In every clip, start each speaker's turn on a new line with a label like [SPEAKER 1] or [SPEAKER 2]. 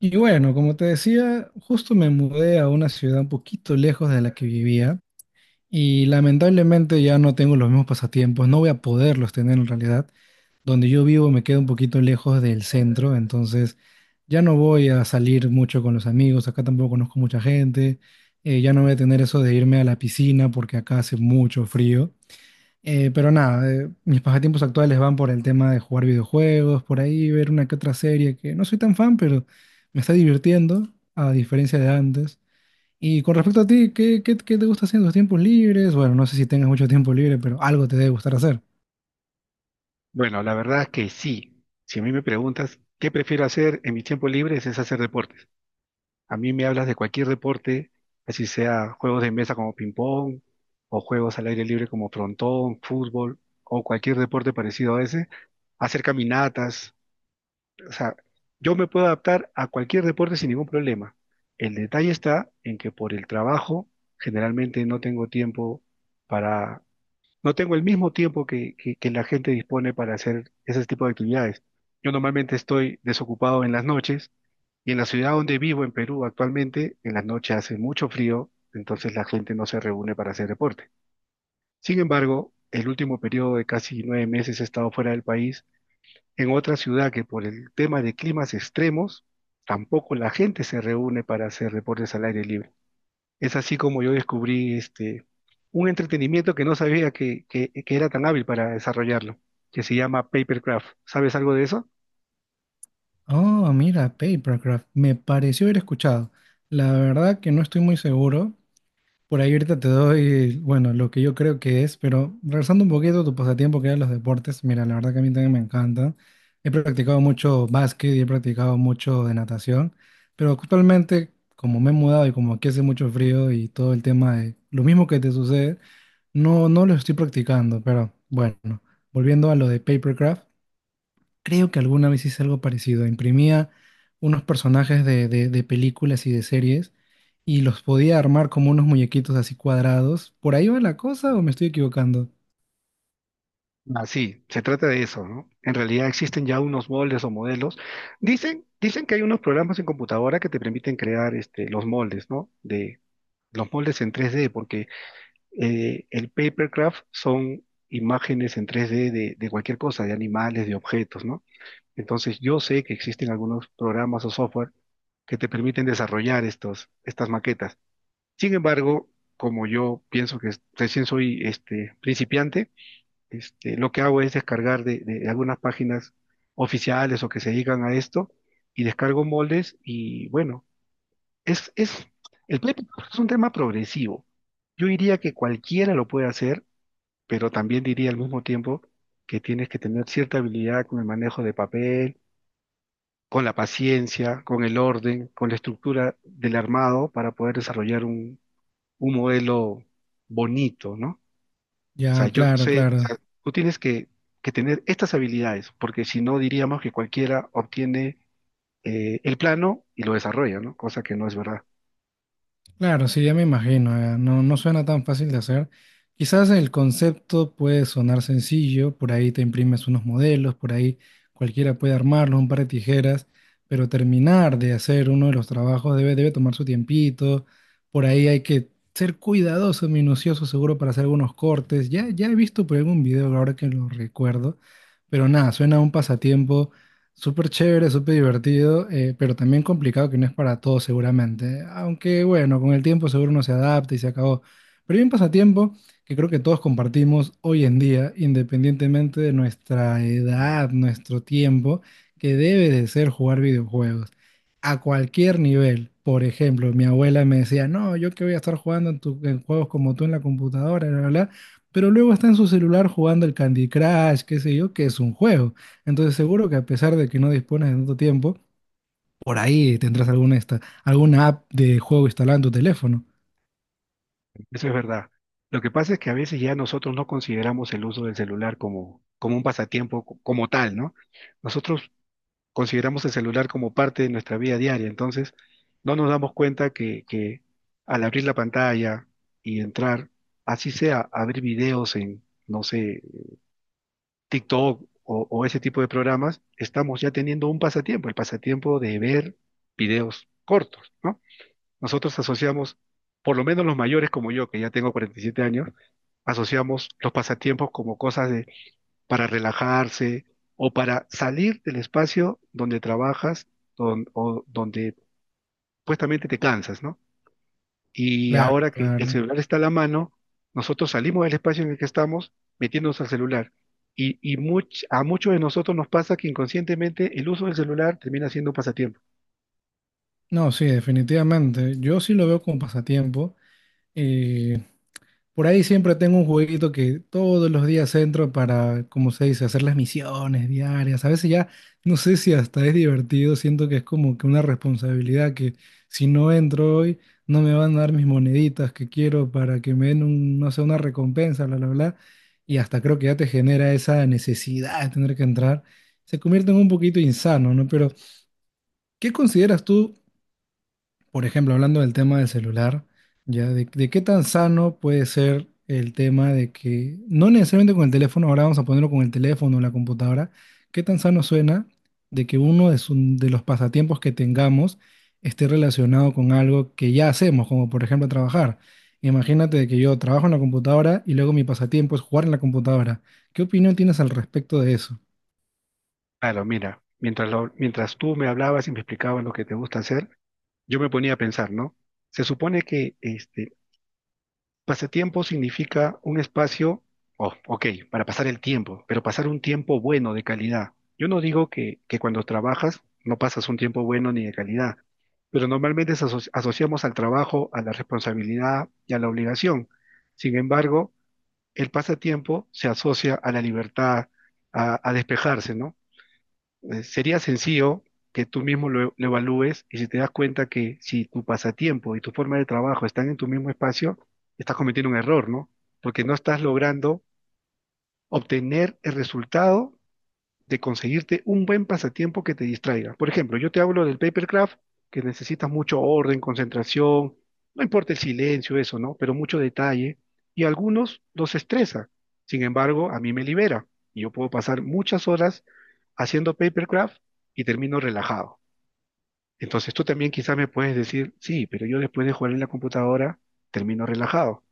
[SPEAKER 1] Y bueno, como te decía, justo me mudé a una ciudad un poquito lejos de la que vivía y lamentablemente ya no tengo los mismos pasatiempos, no voy a poderlos tener en realidad. Donde yo vivo me queda un poquito lejos del centro, entonces ya no voy a salir mucho con los amigos, acá tampoco conozco mucha gente, ya no voy a tener eso de irme a la piscina porque acá hace mucho frío. Pero nada, mis pasatiempos actuales van por el tema de jugar videojuegos, por ahí ver una que otra serie que no soy tan fan, pero me está divirtiendo, a diferencia de antes. Y con respecto a ti, ¿qué te gusta hacer en tus tiempos libres? Bueno, no sé si tengas mucho tiempo libre, pero algo te debe gustar hacer.
[SPEAKER 2] Bueno, la verdad que sí. Si a mí me preguntas qué prefiero hacer en mis tiempos libres es hacer deportes. A mí me hablas de cualquier deporte, así sea juegos de mesa como ping-pong o juegos al aire libre como frontón, fútbol o cualquier deporte parecido a ese, hacer caminatas. O sea, yo me puedo adaptar a cualquier deporte sin ningún problema. El detalle está en que por el trabajo generalmente no tengo tiempo para no tengo el mismo tiempo que la gente dispone para hacer ese tipo de actividades. Yo normalmente estoy desocupado en las noches y en la ciudad donde vivo, en Perú, actualmente, en las noches hace mucho frío, entonces la gente no se reúne para hacer deporte. Sin embargo, el último periodo de casi nueve meses he estado fuera del país, en otra ciudad que por el tema de climas extremos, tampoco la gente se reúne para hacer deportes al aire libre. Es así como yo descubrí un entretenimiento que no sabía que era tan hábil para desarrollarlo, que se llama Papercraft. ¿Sabes algo de eso?
[SPEAKER 1] Oh, mira, Papercraft, me pareció haber escuchado. La verdad que no estoy muy seguro. Por ahí ahorita te doy, bueno, lo que yo creo que es, pero regresando un poquito a tu pasatiempo que eran los deportes, mira, la verdad que a mí también me encanta. He practicado mucho básquet y he practicado mucho de natación, pero actualmente, como me he mudado y como aquí hace mucho frío y todo el tema de lo mismo que te sucede, no lo estoy practicando, pero bueno, volviendo a lo de Papercraft. Creo que alguna vez hice algo parecido. Imprimía unos personajes de películas y de series y los podía armar como unos muñequitos así cuadrados. ¿Por ahí va la cosa o me estoy equivocando?
[SPEAKER 2] Ah, sí, se trata de eso, ¿no? En realidad existen ya unos moldes o modelos. Dicen que hay unos programas en computadora que te permiten crear los moldes, ¿no? De los moldes en 3D, porque el papercraft son imágenes en 3D de cualquier cosa, de animales, de objetos, ¿no? Entonces, yo sé que existen algunos programas o software que te permiten desarrollar estos, estas maquetas. Sin embargo, como yo pienso recién soy principiante, lo que hago es descargar de algunas páginas oficiales o que se dedican a esto y descargo moldes y bueno, es, es, el PlayStation es un tema progresivo. Yo diría que cualquiera lo puede hacer, pero también diría al mismo tiempo que tienes que tener cierta habilidad con el manejo de papel, con la paciencia, con el orden, con la estructura del armado para poder desarrollar un modelo bonito, ¿no? O sea,
[SPEAKER 1] Ya,
[SPEAKER 2] yo no
[SPEAKER 1] claro,
[SPEAKER 2] sé, o
[SPEAKER 1] claro.
[SPEAKER 2] sea, tú tienes que tener estas habilidades, porque si no diríamos que cualquiera obtiene el plano y lo desarrolla, ¿no? Cosa que no es verdad.
[SPEAKER 1] Claro, sí, ya me imagino, no, no suena tan fácil de hacer. Quizás el concepto puede sonar sencillo, por ahí te imprimes unos modelos, por ahí cualquiera puede armarlo, un par de tijeras, pero terminar de hacer uno de los trabajos debe tomar su tiempito, por ahí hay que ser cuidadoso, minucioso, seguro para hacer algunos cortes. Ya he visto por algún video ahora que lo recuerdo, pero nada, suena a un pasatiempo. Súper chévere, súper divertido, pero también complicado que no es para todos seguramente. Aunque bueno, con el tiempo seguro uno se adapta y se acabó. Pero hay un pasatiempo que creo que todos compartimos hoy en día, independientemente de nuestra edad, nuestro tiempo, que debe de ser jugar videojuegos. A cualquier nivel. Por ejemplo, mi abuela me decía: "No, yo que voy a estar jugando en, en juegos como tú en la computadora, bla, bla, bla". Pero luego está en su celular jugando el Candy Crush, qué sé yo, que es un juego. Entonces seguro que a pesar de que no dispones de tanto tiempo, por ahí tendrás alguna, esta, alguna app de juego instalada en tu teléfono.
[SPEAKER 2] Eso es verdad. Lo que pasa es que a veces ya nosotros no consideramos el uso del celular como, como un pasatiempo como tal, ¿no? Nosotros consideramos el celular como parte de nuestra vida diaria, entonces no nos damos cuenta que al abrir la pantalla y entrar, así sea, abrir videos en, no sé, TikTok o ese tipo de programas, estamos ya teniendo un pasatiempo, el pasatiempo de ver videos cortos, ¿no? Nosotros asociamos, por lo menos los mayores como yo, que ya tengo 47 años, asociamos los pasatiempos como cosas de para relajarse o para salir del espacio donde trabajas o donde supuestamente te cansas, ¿no? Y
[SPEAKER 1] Claro,
[SPEAKER 2] ahora que el
[SPEAKER 1] claro.
[SPEAKER 2] celular está a la mano, nosotros salimos del espacio en el que estamos metiéndonos al celular. A muchos de nosotros nos pasa que inconscientemente el uso del celular termina siendo un pasatiempo.
[SPEAKER 1] No, sí, definitivamente. Yo sí lo veo como pasatiempo. Eh, Por ahí siempre tengo un jueguito que todos los días entro para, como se dice, hacer las misiones diarias. A veces ya no sé si hasta es divertido, siento que es como que una responsabilidad que si no entro hoy no me van a dar mis moneditas que quiero para que me den un, no sé, una recompensa, bla, bla, bla. Y hasta creo que ya te genera esa necesidad de tener que entrar. Se convierte en un poquito insano, ¿no? Pero, ¿qué consideras tú? Por ejemplo, hablando del tema del celular, ya de qué tan sano puede ser el tema de que, no necesariamente con el teléfono, ahora vamos a ponerlo con el teléfono o la computadora, qué tan sano suena de que uno de, de los pasatiempos que tengamos esté relacionado con algo que ya hacemos, como por ejemplo trabajar. Imagínate de que yo trabajo en la computadora y luego mi pasatiempo es jugar en la computadora. ¿Qué opinión tienes al respecto de eso?
[SPEAKER 2] Claro, mira, mientras tú me hablabas y me explicabas lo que te gusta hacer, yo me ponía a pensar, ¿no? Se supone que pasatiempo significa un espacio, oh, ok, para pasar el tiempo, pero pasar un tiempo bueno de calidad. Yo no digo que cuando trabajas no pasas un tiempo bueno ni de calidad, pero normalmente asociamos al trabajo, a la responsabilidad y a la obligación. Sin embargo, el pasatiempo se asocia a la libertad, a despejarse, ¿no? Sería sencillo que tú mismo lo evalúes y si te das cuenta que si tu pasatiempo y tu forma de trabajo están en tu mismo espacio, estás cometiendo un error, ¿no? Porque no estás logrando obtener el resultado de conseguirte un buen pasatiempo que te distraiga. Por ejemplo, yo te hablo del papercraft, que necesitas mucho orden, concentración, no importa el silencio, eso, ¿no? Pero mucho detalle. Y a algunos los estresa. Sin embargo, a mí me libera. Y yo puedo pasar muchas horas haciendo papercraft y termino relajado. Entonces tú también quizás me puedes decir, sí, pero yo después de jugar en la computadora termino relajado.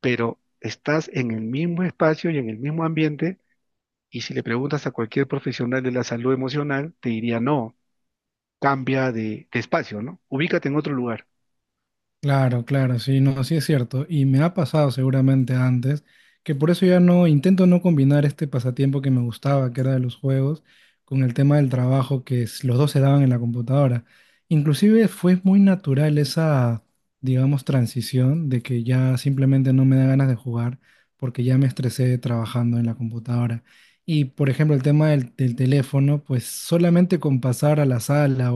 [SPEAKER 2] Pero estás en el mismo espacio y en el mismo ambiente y si le preguntas a cualquier profesional de la salud emocional, te diría no, cambia de espacio, ¿no? Ubícate en otro lugar,
[SPEAKER 1] Claro, claro, sí, no, sí es cierto. Y me ha pasado seguramente antes, que por eso ya no intento no combinar este pasatiempo que me gustaba, que era de los juegos, con el tema del trabajo que los dos se daban en la computadora. Inclusive fue muy natural esa, digamos, transición de que ya simplemente no me da ganas de jugar porque ya me estresé trabajando en la computadora. Y por ejemplo, el tema del teléfono, pues solamente con pasar a la sala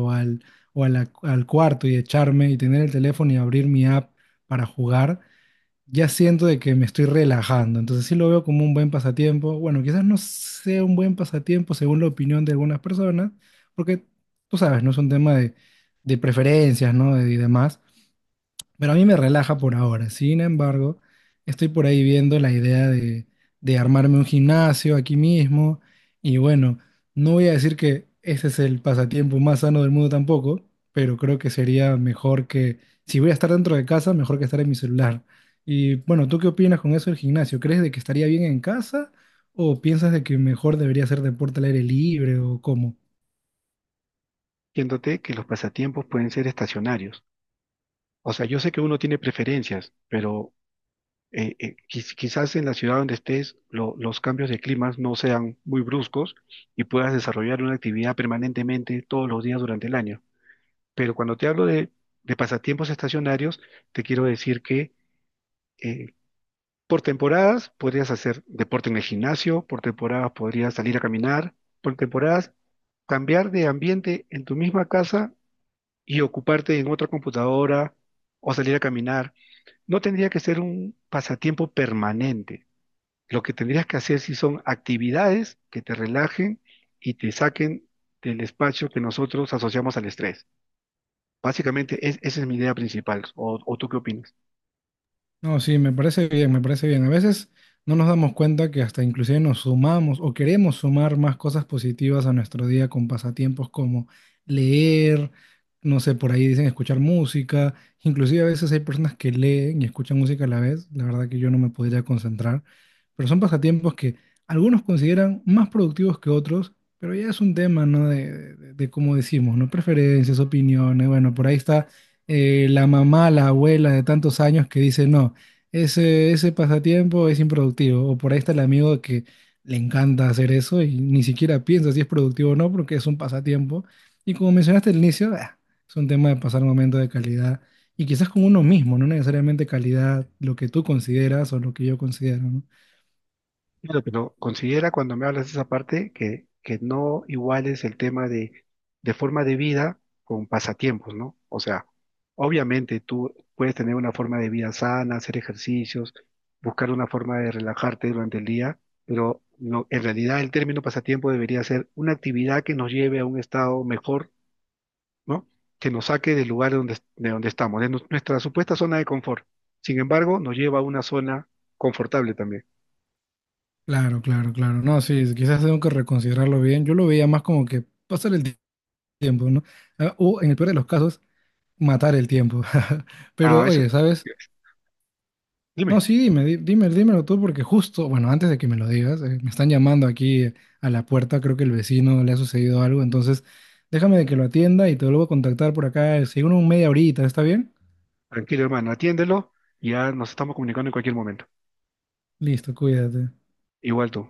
[SPEAKER 1] o a al cuarto y echarme y tener el teléfono y abrir mi app para jugar, ya siento de que me estoy relajando. Entonces sí lo veo como un buen pasatiempo. Bueno, quizás no sea un buen pasatiempo según la opinión de algunas personas, porque tú sabes, no es un tema de preferencias, ¿no? De- y demás. Pero a mí me relaja por ahora. Sin embargo, estoy por ahí viendo la idea de armarme un gimnasio aquí mismo. Y bueno, no voy a decir que ese es el pasatiempo más sano del mundo tampoco, pero creo que sería mejor que, si voy a estar dentro de casa, mejor que estar en mi celular. Y bueno, ¿tú qué opinas con eso del gimnasio? ¿Crees de que estaría bien en casa o piensas de que mejor debería hacer deporte al aire libre o cómo?
[SPEAKER 2] diciéndote que los pasatiempos pueden ser estacionarios. O sea, yo sé que uno tiene preferencias, pero quizás en la ciudad donde estés los cambios de climas no sean muy bruscos y puedas desarrollar una actividad permanentemente todos los días durante el año. Pero cuando te hablo de pasatiempos estacionarios, te quiero decir que eh, por temporadas podrías hacer deporte en el gimnasio, por temporadas podrías salir a caminar, por temporadas cambiar de ambiente en tu misma casa y ocuparte en otra computadora o salir a caminar. No tendría que ser un pasatiempo permanente. Lo que tendrías que hacer si son actividades que te relajen y te saquen del espacio que nosotros asociamos al estrés. Básicamente esa es mi idea principal. O tú qué opinas?
[SPEAKER 1] No, sí, me parece bien, me parece bien. A veces no nos damos cuenta que hasta inclusive nos sumamos o queremos sumar más cosas positivas a nuestro día con pasatiempos como leer, no sé, por ahí dicen escuchar música. Inclusive a veces hay personas que leen y escuchan música a la vez. La verdad que yo no me podría concentrar, pero son pasatiempos que algunos consideran más productivos que otros, pero ya es un tema, ¿no? De cómo decimos, ¿no? Preferencias, opiniones. Bueno, por ahí está la mamá, la abuela de tantos años que dice, no. Ese pasatiempo es improductivo. O por ahí está el amigo que le encanta hacer eso y ni siquiera piensa si es productivo o no, porque es un pasatiempo. Y como mencionaste al inicio, ah, es un tema de pasar momentos de calidad y quizás con uno mismo, no necesariamente calidad, lo que tú consideras o lo que yo considero, ¿no?
[SPEAKER 2] Claro, pero considera cuando me hablas de esa parte que no iguales el tema de forma de vida con pasatiempos, ¿no? O sea, obviamente tú puedes tener una forma de vida sana, hacer ejercicios, buscar una forma de relajarte durante el día, pero en realidad el término pasatiempo debería ser una actividad que nos lleve a un estado mejor, ¿no? Que nos saque del lugar donde, de donde estamos, de nuestra supuesta zona de confort. Sin embargo, nos lleva a una zona confortable también.
[SPEAKER 1] Claro, claro, claro. No, sí, quizás tengo que reconsiderarlo bien. Yo lo veía más como que pasar el tiempo, ¿no? Ah, o en el peor de los casos, matar el tiempo.
[SPEAKER 2] A
[SPEAKER 1] Pero
[SPEAKER 2] veces,
[SPEAKER 1] oye, ¿sabes? No,
[SPEAKER 2] dime.
[SPEAKER 1] sí, dime, dime, dímelo tú, porque justo, bueno, antes de que me lo digas, me están llamando aquí a la puerta, creo que el vecino le ha sucedido algo, entonces déjame de que lo atienda y te vuelvo a contactar por acá, según un media horita, ¿está bien?
[SPEAKER 2] Tranquilo, hermano, atiéndelo. Ya nos estamos comunicando en cualquier momento.
[SPEAKER 1] Listo, cuídate.
[SPEAKER 2] Igual tú.